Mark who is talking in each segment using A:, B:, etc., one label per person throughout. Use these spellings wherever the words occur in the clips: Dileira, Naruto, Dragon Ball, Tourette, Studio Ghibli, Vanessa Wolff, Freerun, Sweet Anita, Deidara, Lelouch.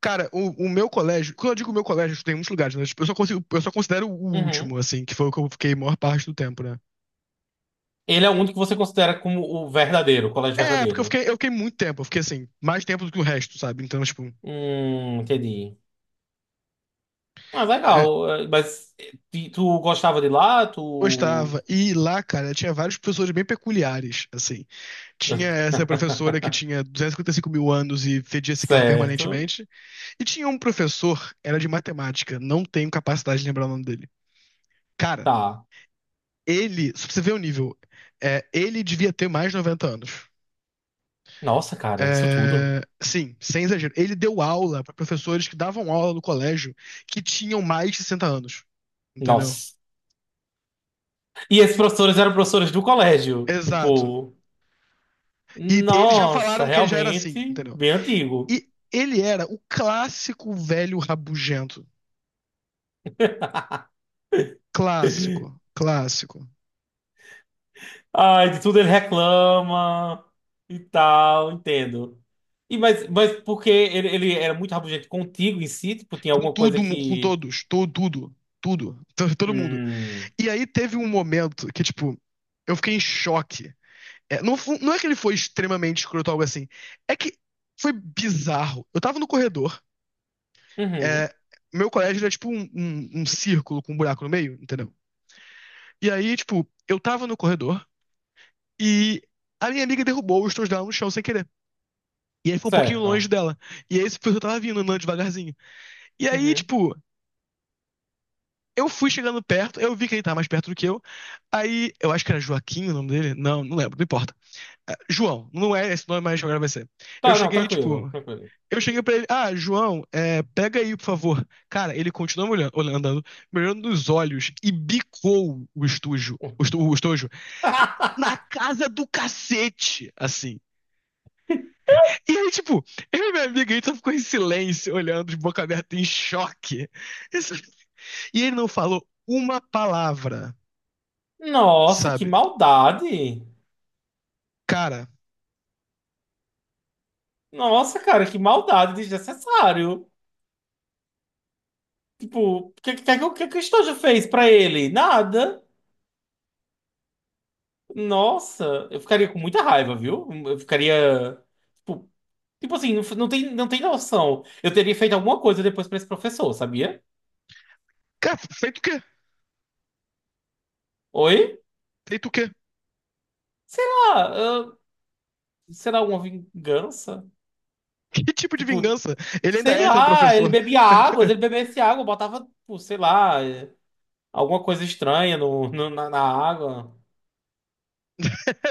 A: Cara, o meu colégio, quando eu digo meu colégio, eu estudei em muitos lugares, né? Tipo, eu só consigo, eu só considero o último,
B: Uhum.
A: assim, que foi o que eu fiquei a maior parte do tempo, né?
B: Ele é o único que você considera como o verdadeiro, o colégio
A: É, porque
B: verdadeiro.
A: eu fiquei muito tempo, eu fiquei assim, mais tempo do que o resto, sabe? Então, tipo,
B: Entendi. Ah,
A: é,
B: legal. Mas tu gostava de lá? Tu.
A: gostava. E lá, cara, tinha vários professores bem peculiares, assim. Tinha essa professora que tinha 255.000 anos e fedia cigarro
B: Certo.
A: permanentemente. E tinha um professor, era de matemática, não tenho capacidade de lembrar o nome dele. Cara,
B: Tá.
A: ele, se você ver o nível, é, ele devia ter mais de 90 anos.
B: Nossa, cara, isso tudo.
A: É, sim, sem exagero. Ele deu aula pra professores que davam aula no colégio que tinham mais de 60 anos, entendeu?
B: Nossa. E esses professores eram professores do colégio.
A: Exato.
B: Tipo,
A: E eles já
B: nossa,
A: falaram que ele já era assim,
B: realmente
A: entendeu?
B: bem antigo.
A: E ele era o clássico velho rabugento. Clássico, clássico.
B: Ai, de tudo ele reclama e tal, entendo. E mas, mas porque ele era muito rabugento contigo em si, tipo, tinha
A: Com
B: alguma coisa
A: tudo, com
B: que.
A: todos, tudo, todo mundo.
B: Hum.
A: E aí teve um momento que, tipo, eu fiquei em choque. É, não, não é que ele foi extremamente escroto ou algo assim. É que foi bizarro. Eu tava no corredor.
B: Uhum.
A: É, meu colégio era tipo um círculo com um buraco no meio, entendeu? E aí, tipo, eu tava no corredor e a minha amiga derrubou os tons dela no chão sem querer. E aí foi um pouquinho longe
B: Certo.
A: dela. E aí esse professor tava vindo, andando devagarzinho. E aí,
B: Uhum.
A: tipo, eu fui chegando perto, eu vi que ele tava mais perto do que eu. Aí, eu acho que era Joaquim o nome dele. Não, não lembro, não importa. É, João, não é esse nome, mas agora vai ser. Eu
B: Tá, não,
A: cheguei,
B: tranquilo,
A: tipo,
B: tranquilo.
A: eu cheguei pra ele, ah, João, é, pega aí, por favor. Cara, ele continuou olhando, me olhando nos olhos e bicou o estojo, o estojo, na casa do cacete, assim. E aí, tipo, eu e minha amiga, a gente só ficou em silêncio, olhando de boca aberta, em choque. Isso- E ele não falou uma palavra,
B: Nossa, que
A: sabe?
B: maldade!
A: Cara,
B: Nossa, cara, que maldade desnecessário. Tipo, o que que o Estojo fez pra ele? Nada. Nossa, eu ficaria com muita raiva, viu? Eu ficaria. Tipo, tipo assim, não, não tem noção. Eu teria feito alguma coisa depois pra esse professor, sabia?
A: cara, feito o quê?
B: Oi?
A: Feito o quê?
B: Sei lá, ah, será alguma vingança?
A: Que tipo de
B: Tipo,
A: vingança? Ele ainda
B: sei
A: é seu
B: lá, ele
A: professor.
B: bebia água, se ele bebesse água, eu botava, tipo, sei lá, alguma coisa estranha no, na água.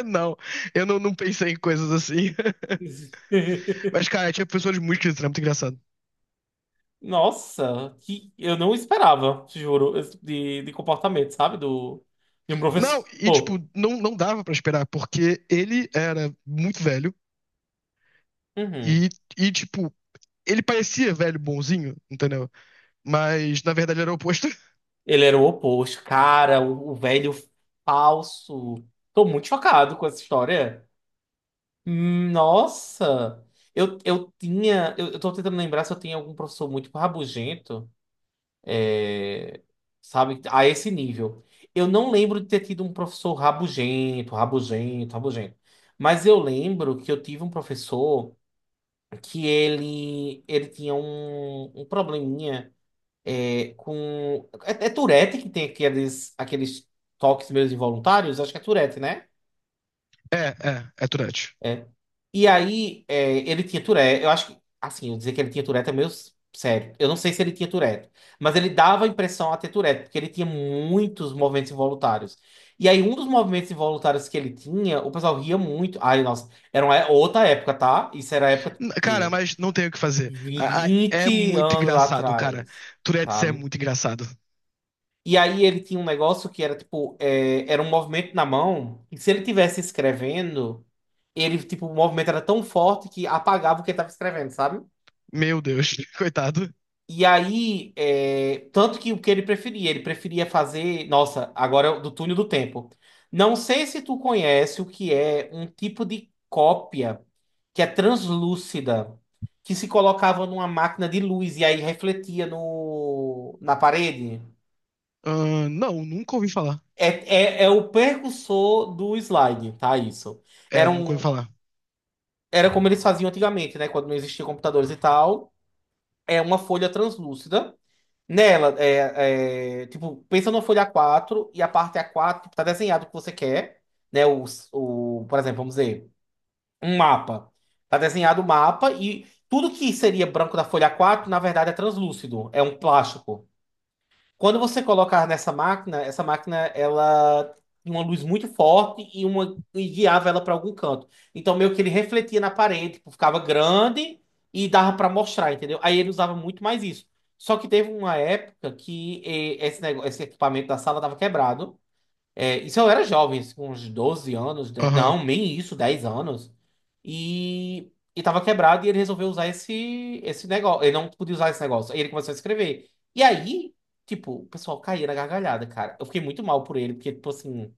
A: Não, eu não, não pensei em coisas assim. Mas, cara, tinha professores muito esquisitos, era muito engraçado.
B: Nossa, que eu não esperava, te juro, esse tipo de comportamento, sabe? Do, de um
A: Não,
B: professor.
A: e, tipo,
B: Pô.
A: não, não dava pra esperar, porque ele era muito velho
B: Uhum.
A: e, e, tipo, ele parecia velho bonzinho, entendeu? Mas, na verdade, ele era o oposto.
B: Ele era o oposto. Cara, o velho falso. Tô muito chocado com essa história. Nossa! Eu tinha. Eu tô tentando lembrar se eu tinha algum professor muito rabugento, é, sabe? A esse nível. Eu não lembro de ter tido um professor rabugento, rabugento, rabugento. Mas eu lembro que eu tive um professor que ele tinha um, um probleminha. É, com. É, é Tourette que tem aqueles, aqueles toques meus involuntários? Acho que é Tourette, né?
A: É, é, é Tourette.
B: É. E aí, é, ele tinha Tourette. Eu acho que, assim, eu dizer que ele tinha Tourette é meio sério. Eu não sei se ele tinha Tourette, mas ele dava a impressão a ter Tourette, porque ele tinha muitos movimentos involuntários. E aí, um dos movimentos involuntários que ele tinha, o pessoal ria muito. Ai, nossa, era uma outra época, tá? Isso era a época
A: Cara,
B: que
A: mas não tem o que fazer. É
B: 20
A: muito
B: anos
A: engraçado, cara.
B: atrás,
A: Tourette
B: tá?
A: é muito engraçado.
B: E aí ele tinha um negócio que era tipo, é, era um movimento na mão, e se ele tivesse escrevendo, ele, tipo, o movimento era tão forte que apagava o que ele estava escrevendo, sabe?
A: Meu Deus, coitado.
B: E aí, é, tanto que o que ele preferia fazer, nossa, agora é do túnel do tempo. Não sei se tu conhece o que é um tipo de cópia que é translúcida, que se colocava numa máquina de luz e aí refletia no, na parede.
A: Não, nunca ouvi falar.
B: É o precursor do slide, tá? Isso.
A: É,
B: Era,
A: nunca ouvi
B: um,
A: falar.
B: era como eles faziam antigamente, né? Quando não existiam computadores e tal. É uma folha translúcida. Nela, tipo, pensa numa folha A4 e a parte A4, tipo, tá desenhado o que você quer, né? O, por exemplo, vamos dizer, um mapa. Tá desenhado o mapa e tudo que seria branco da folha A4, na verdade, é translúcido. É um plástico. Quando você colocar nessa máquina, essa máquina ela tinha uma luz muito forte e uma e guiava ela para algum canto. Então meio que ele refletia na parede, tipo, ficava grande e dava para mostrar, entendeu? Aí ele usava muito mais isso. Só que teve uma época que esse negócio, esse equipamento da sala estava quebrado. É, isso eu era jovem, assim, com uns 12 anos,
A: Aham.
B: não, nem isso, 10 anos. E tava quebrado e ele resolveu usar esse, esse negócio. Ele não podia usar esse negócio. Aí ele começou a escrever. E aí, tipo, o pessoal caía na gargalhada, cara. Eu fiquei muito mal por ele, porque, tipo assim,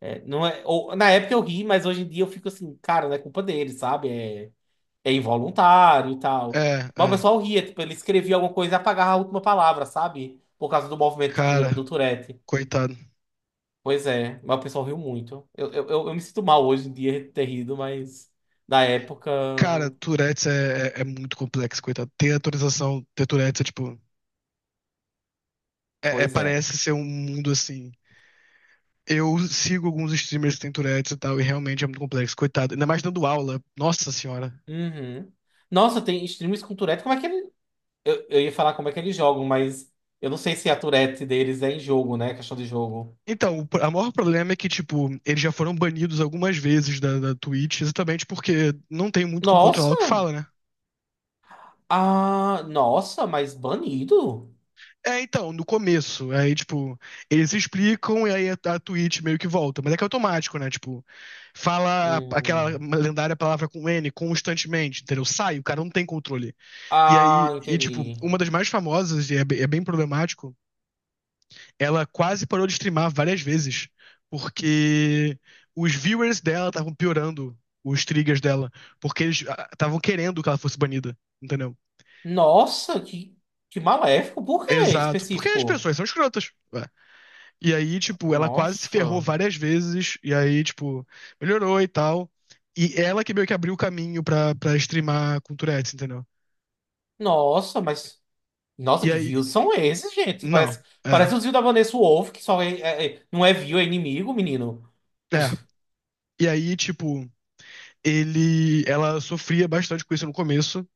B: é, não é, na época eu ri, mas hoje em dia eu fico assim, cara, não é culpa dele, sabe? É, é involuntário e tal.
A: É,
B: Mas o
A: é.
B: pessoal ria, tipo, ele escrevia alguma coisa e apagava a última palavra, sabe? Por causa do movimento do,
A: Cara,
B: do Tourette.
A: coitado.
B: Pois é, mas o pessoal riu muito. Eu me sinto mal hoje em dia de ter rido, mas na época,
A: Cara, Tourette's é, é muito complexo, coitado. Ter atualização, ter Tourette's é tipo. É,
B: pois é.
A: parece ser um mundo assim. Eu sigo alguns streamers que têm Tourette's e tal, e realmente é muito complexo, coitado. Ainda mais dando aula. Nossa senhora.
B: Uhum. Nossa, tem streamers com Tourette, como é que ele... eu ia falar como é que eles jogam, mas eu não sei se a Tourette deles é em jogo, né? Questão de jogo.
A: Então, a maior problema é que, tipo, eles já foram banidos algumas vezes da Twitch, exatamente porque não tem muito como controlar
B: Nossa!
A: o que fala, né?
B: Ah, nossa, mas banido?
A: É, então, no começo. Aí, tipo, eles explicam e aí a Twitch meio que volta. Mas é que é automático, né? Tipo, fala aquela
B: Hum.
A: lendária palavra com N constantemente, entendeu? Sai, o cara não tem controle. E aí,
B: Ah,
A: e tipo,
B: entendi.
A: uma das mais famosas, e é, é bem problemático, ela quase parou de streamar várias vezes, porque os viewers dela estavam piorando os triggers dela, porque eles estavam querendo que ela fosse banida, entendeu?
B: Nossa, que maléfico. Por quê
A: Exato, porque as
B: específico?
A: pessoas são escrotas. Ué. E aí, tipo, ela quase se ferrou
B: Nossa.
A: várias vezes. E aí, tipo, melhorou e tal. E ela que meio que abriu o caminho pra, pra streamar com Tourette's, entendeu?
B: Nossa, mas. Nossa,
A: E
B: que
A: aí.
B: views são esses, gente? Parece,
A: Não. É.
B: parece os views da Vanessa Wolff, que só é, não é view, é inimigo, menino.
A: É. E aí, tipo, ele. Ela sofria bastante com isso no começo.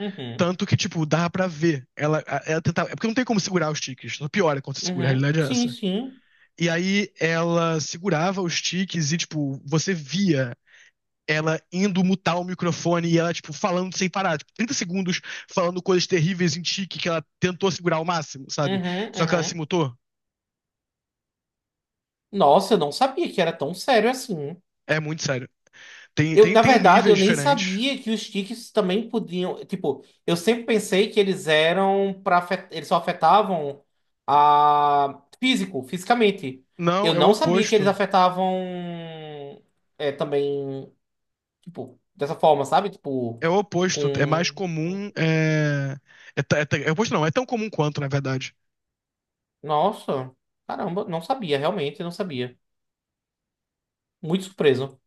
B: Uhum,
A: Tanto que, tipo, dava pra ver. Ela, ela tentava. É porque não tem como segurar os tiques. Só piora quando você segura, a
B: uhum,
A: realidade é
B: sim,
A: essa.
B: sim.
A: E aí ela segurava os tiques e, tipo, você via ela indo mutar o microfone e ela, tipo, falando sem parar, tipo, 30 segundos falando coisas terríveis em tique que ela tentou segurar ao máximo, sabe?
B: Uhum,
A: Só que ela se
B: uhum.
A: mutou.
B: Nossa, eu não sabia que era tão sério assim.
A: É muito sério.
B: Eu, na
A: Tem
B: verdade, eu
A: níveis
B: nem
A: diferentes.
B: sabia que os tiques também podiam. Tipo, eu sempre pensei que eles eram para eles só afetavam a físico, fisicamente.
A: Não,
B: Eu
A: é o
B: não sabia que eles
A: oposto.
B: afetavam também. Tipo, dessa forma, sabe? Tipo,
A: É o oposto. É mais
B: com.
A: comum. É, é o oposto, não. É tão comum quanto, na verdade.
B: Nossa, caramba, não sabia, realmente não sabia. Muito surpreso.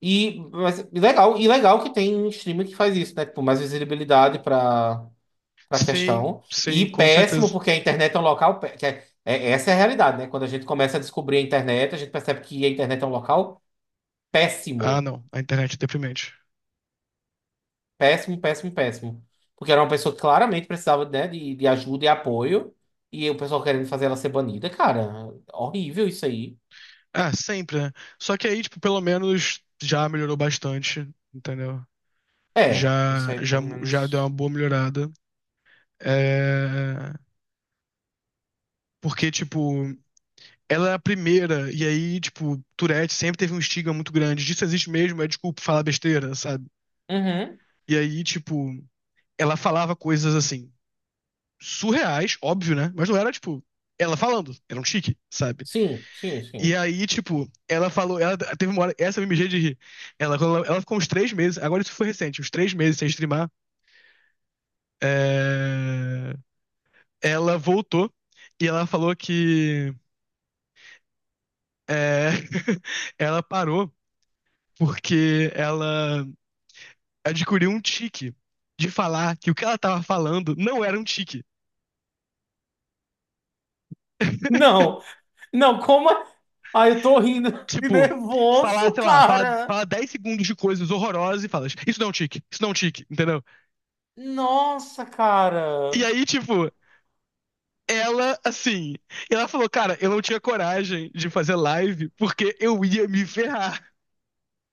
B: E mas, e legal que tem streamer que faz isso, né? Tipo, mais visibilidade para para
A: Sim,
B: questão. E
A: sim, com
B: péssimo,
A: certeza.
B: porque a internet é um local. Que é, essa é a realidade, né? Quando a gente começa a descobrir a internet, a gente percebe que a internet é um local
A: Ah,
B: péssimo.
A: não. A internet é deprimente.
B: Péssimo, péssimo, péssimo. Porque era uma pessoa que claramente precisava, né, de ajuda e apoio. E o pessoal querendo fazer ela ser banida, cara. Horrível isso aí.
A: Ah, sempre, né? Só que aí, tipo, pelo menos já melhorou bastante, entendeu?
B: É, isso aí pelo
A: Já deu uma
B: menos.
A: boa melhorada. É, porque, tipo, ela é a primeira, e aí, tipo, Tourette sempre teve um estigma muito grande. Disso existe mesmo, é desculpa falar besteira, sabe?
B: Uhum.
A: E aí, tipo, ela falava coisas assim, surreais, óbvio, né? Mas não era, tipo, ela falando, era um chique, sabe?
B: Sim, sim,
A: E
B: sim.
A: aí, tipo, ela falou, ela teve uma hora, essa eu me mijei de rir. Ela, quando ela ficou uns três meses, agora isso foi recente, uns três meses sem streamar. É, ela voltou e ela falou que é, ela parou porque ela adquiriu um tique de falar que o que ela tava falando não era um tique.
B: Não, não, como. Ai, eu tô rindo de
A: Tipo, falar,
B: nervoso,
A: sei lá, falar
B: cara.
A: fala 10 segundos de coisas horrorosas e fala, isso não é um tique, isso não é um tique, entendeu?
B: Nossa,
A: E
B: cara.
A: aí, tipo, ela, assim, ela falou, cara, eu não tinha coragem de fazer live porque eu ia me ferrar.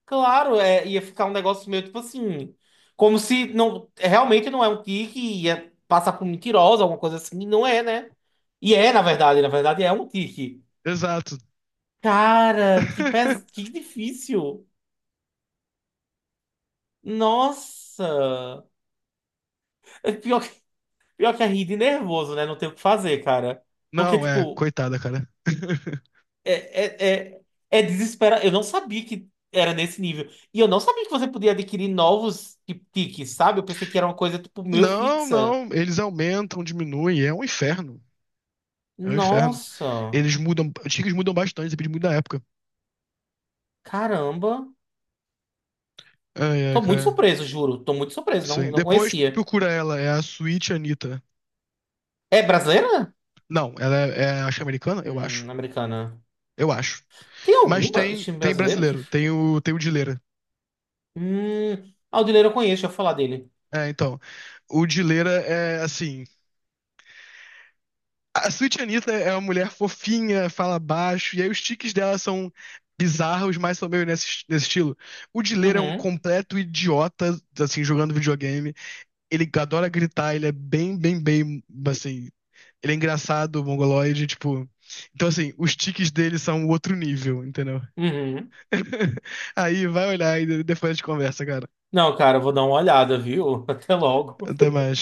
B: Claro, é, ia ficar um negócio meio tipo assim, como se não realmente não é um tique, ia passar por mentirosa, alguma coisa assim, e não é, né? E é, na verdade é um tique.
A: Exato.
B: Cara, que pes... que difícil. Nossa. É pior que é rir de nervoso, né? Não tem o que fazer, cara. Porque,
A: Não, é,
B: tipo,
A: coitada, cara.
B: é, é, é, é desespera. Eu não sabia que era nesse nível. E eu não sabia que você podia adquirir novos tiques, sabe? Eu pensei que era uma coisa, tipo, meio
A: Não,
B: fixa.
A: não. Eles aumentam, diminuem. É um inferno. É um inferno.
B: Nossa,
A: Eles mudam. Os tickets mudam bastante, depende muito da época.
B: caramba.
A: Ai, ai,
B: Tô muito
A: cara.
B: surpreso, juro. Tô muito surpreso, não,
A: Sim.
B: não
A: Depois
B: conhecia.
A: procura ela. É a Sweet Anitta.
B: É brasileira?
A: Não, ela é, é acho que é americana? Eu acho.
B: Americana.
A: Eu acho.
B: Tem algum
A: Mas tem,
B: time
A: tem
B: brasileiro que.
A: brasileiro. Tem o, tem o Dileira.
B: Aldileiro eu conheço, deixa eu falar dele.
A: É, então. O Dileira é assim. A Sweet Anita é uma mulher fofinha, fala baixo, e aí os tiques dela são bizarros, mas são meio nesse, nesse estilo. O Dileira é um
B: Uhum,
A: completo idiota, assim, jogando videogame. Ele adora gritar, ele é bem, bem, bem, assim, ele é engraçado, mongoloide, tipo. Então, assim, os tiques dele são outro nível, entendeu?
B: uhum.
A: Aí vai olhar e depois a gente conversa, cara.
B: Não, cara, eu vou dar uma olhada, viu? Até logo.
A: Até mais.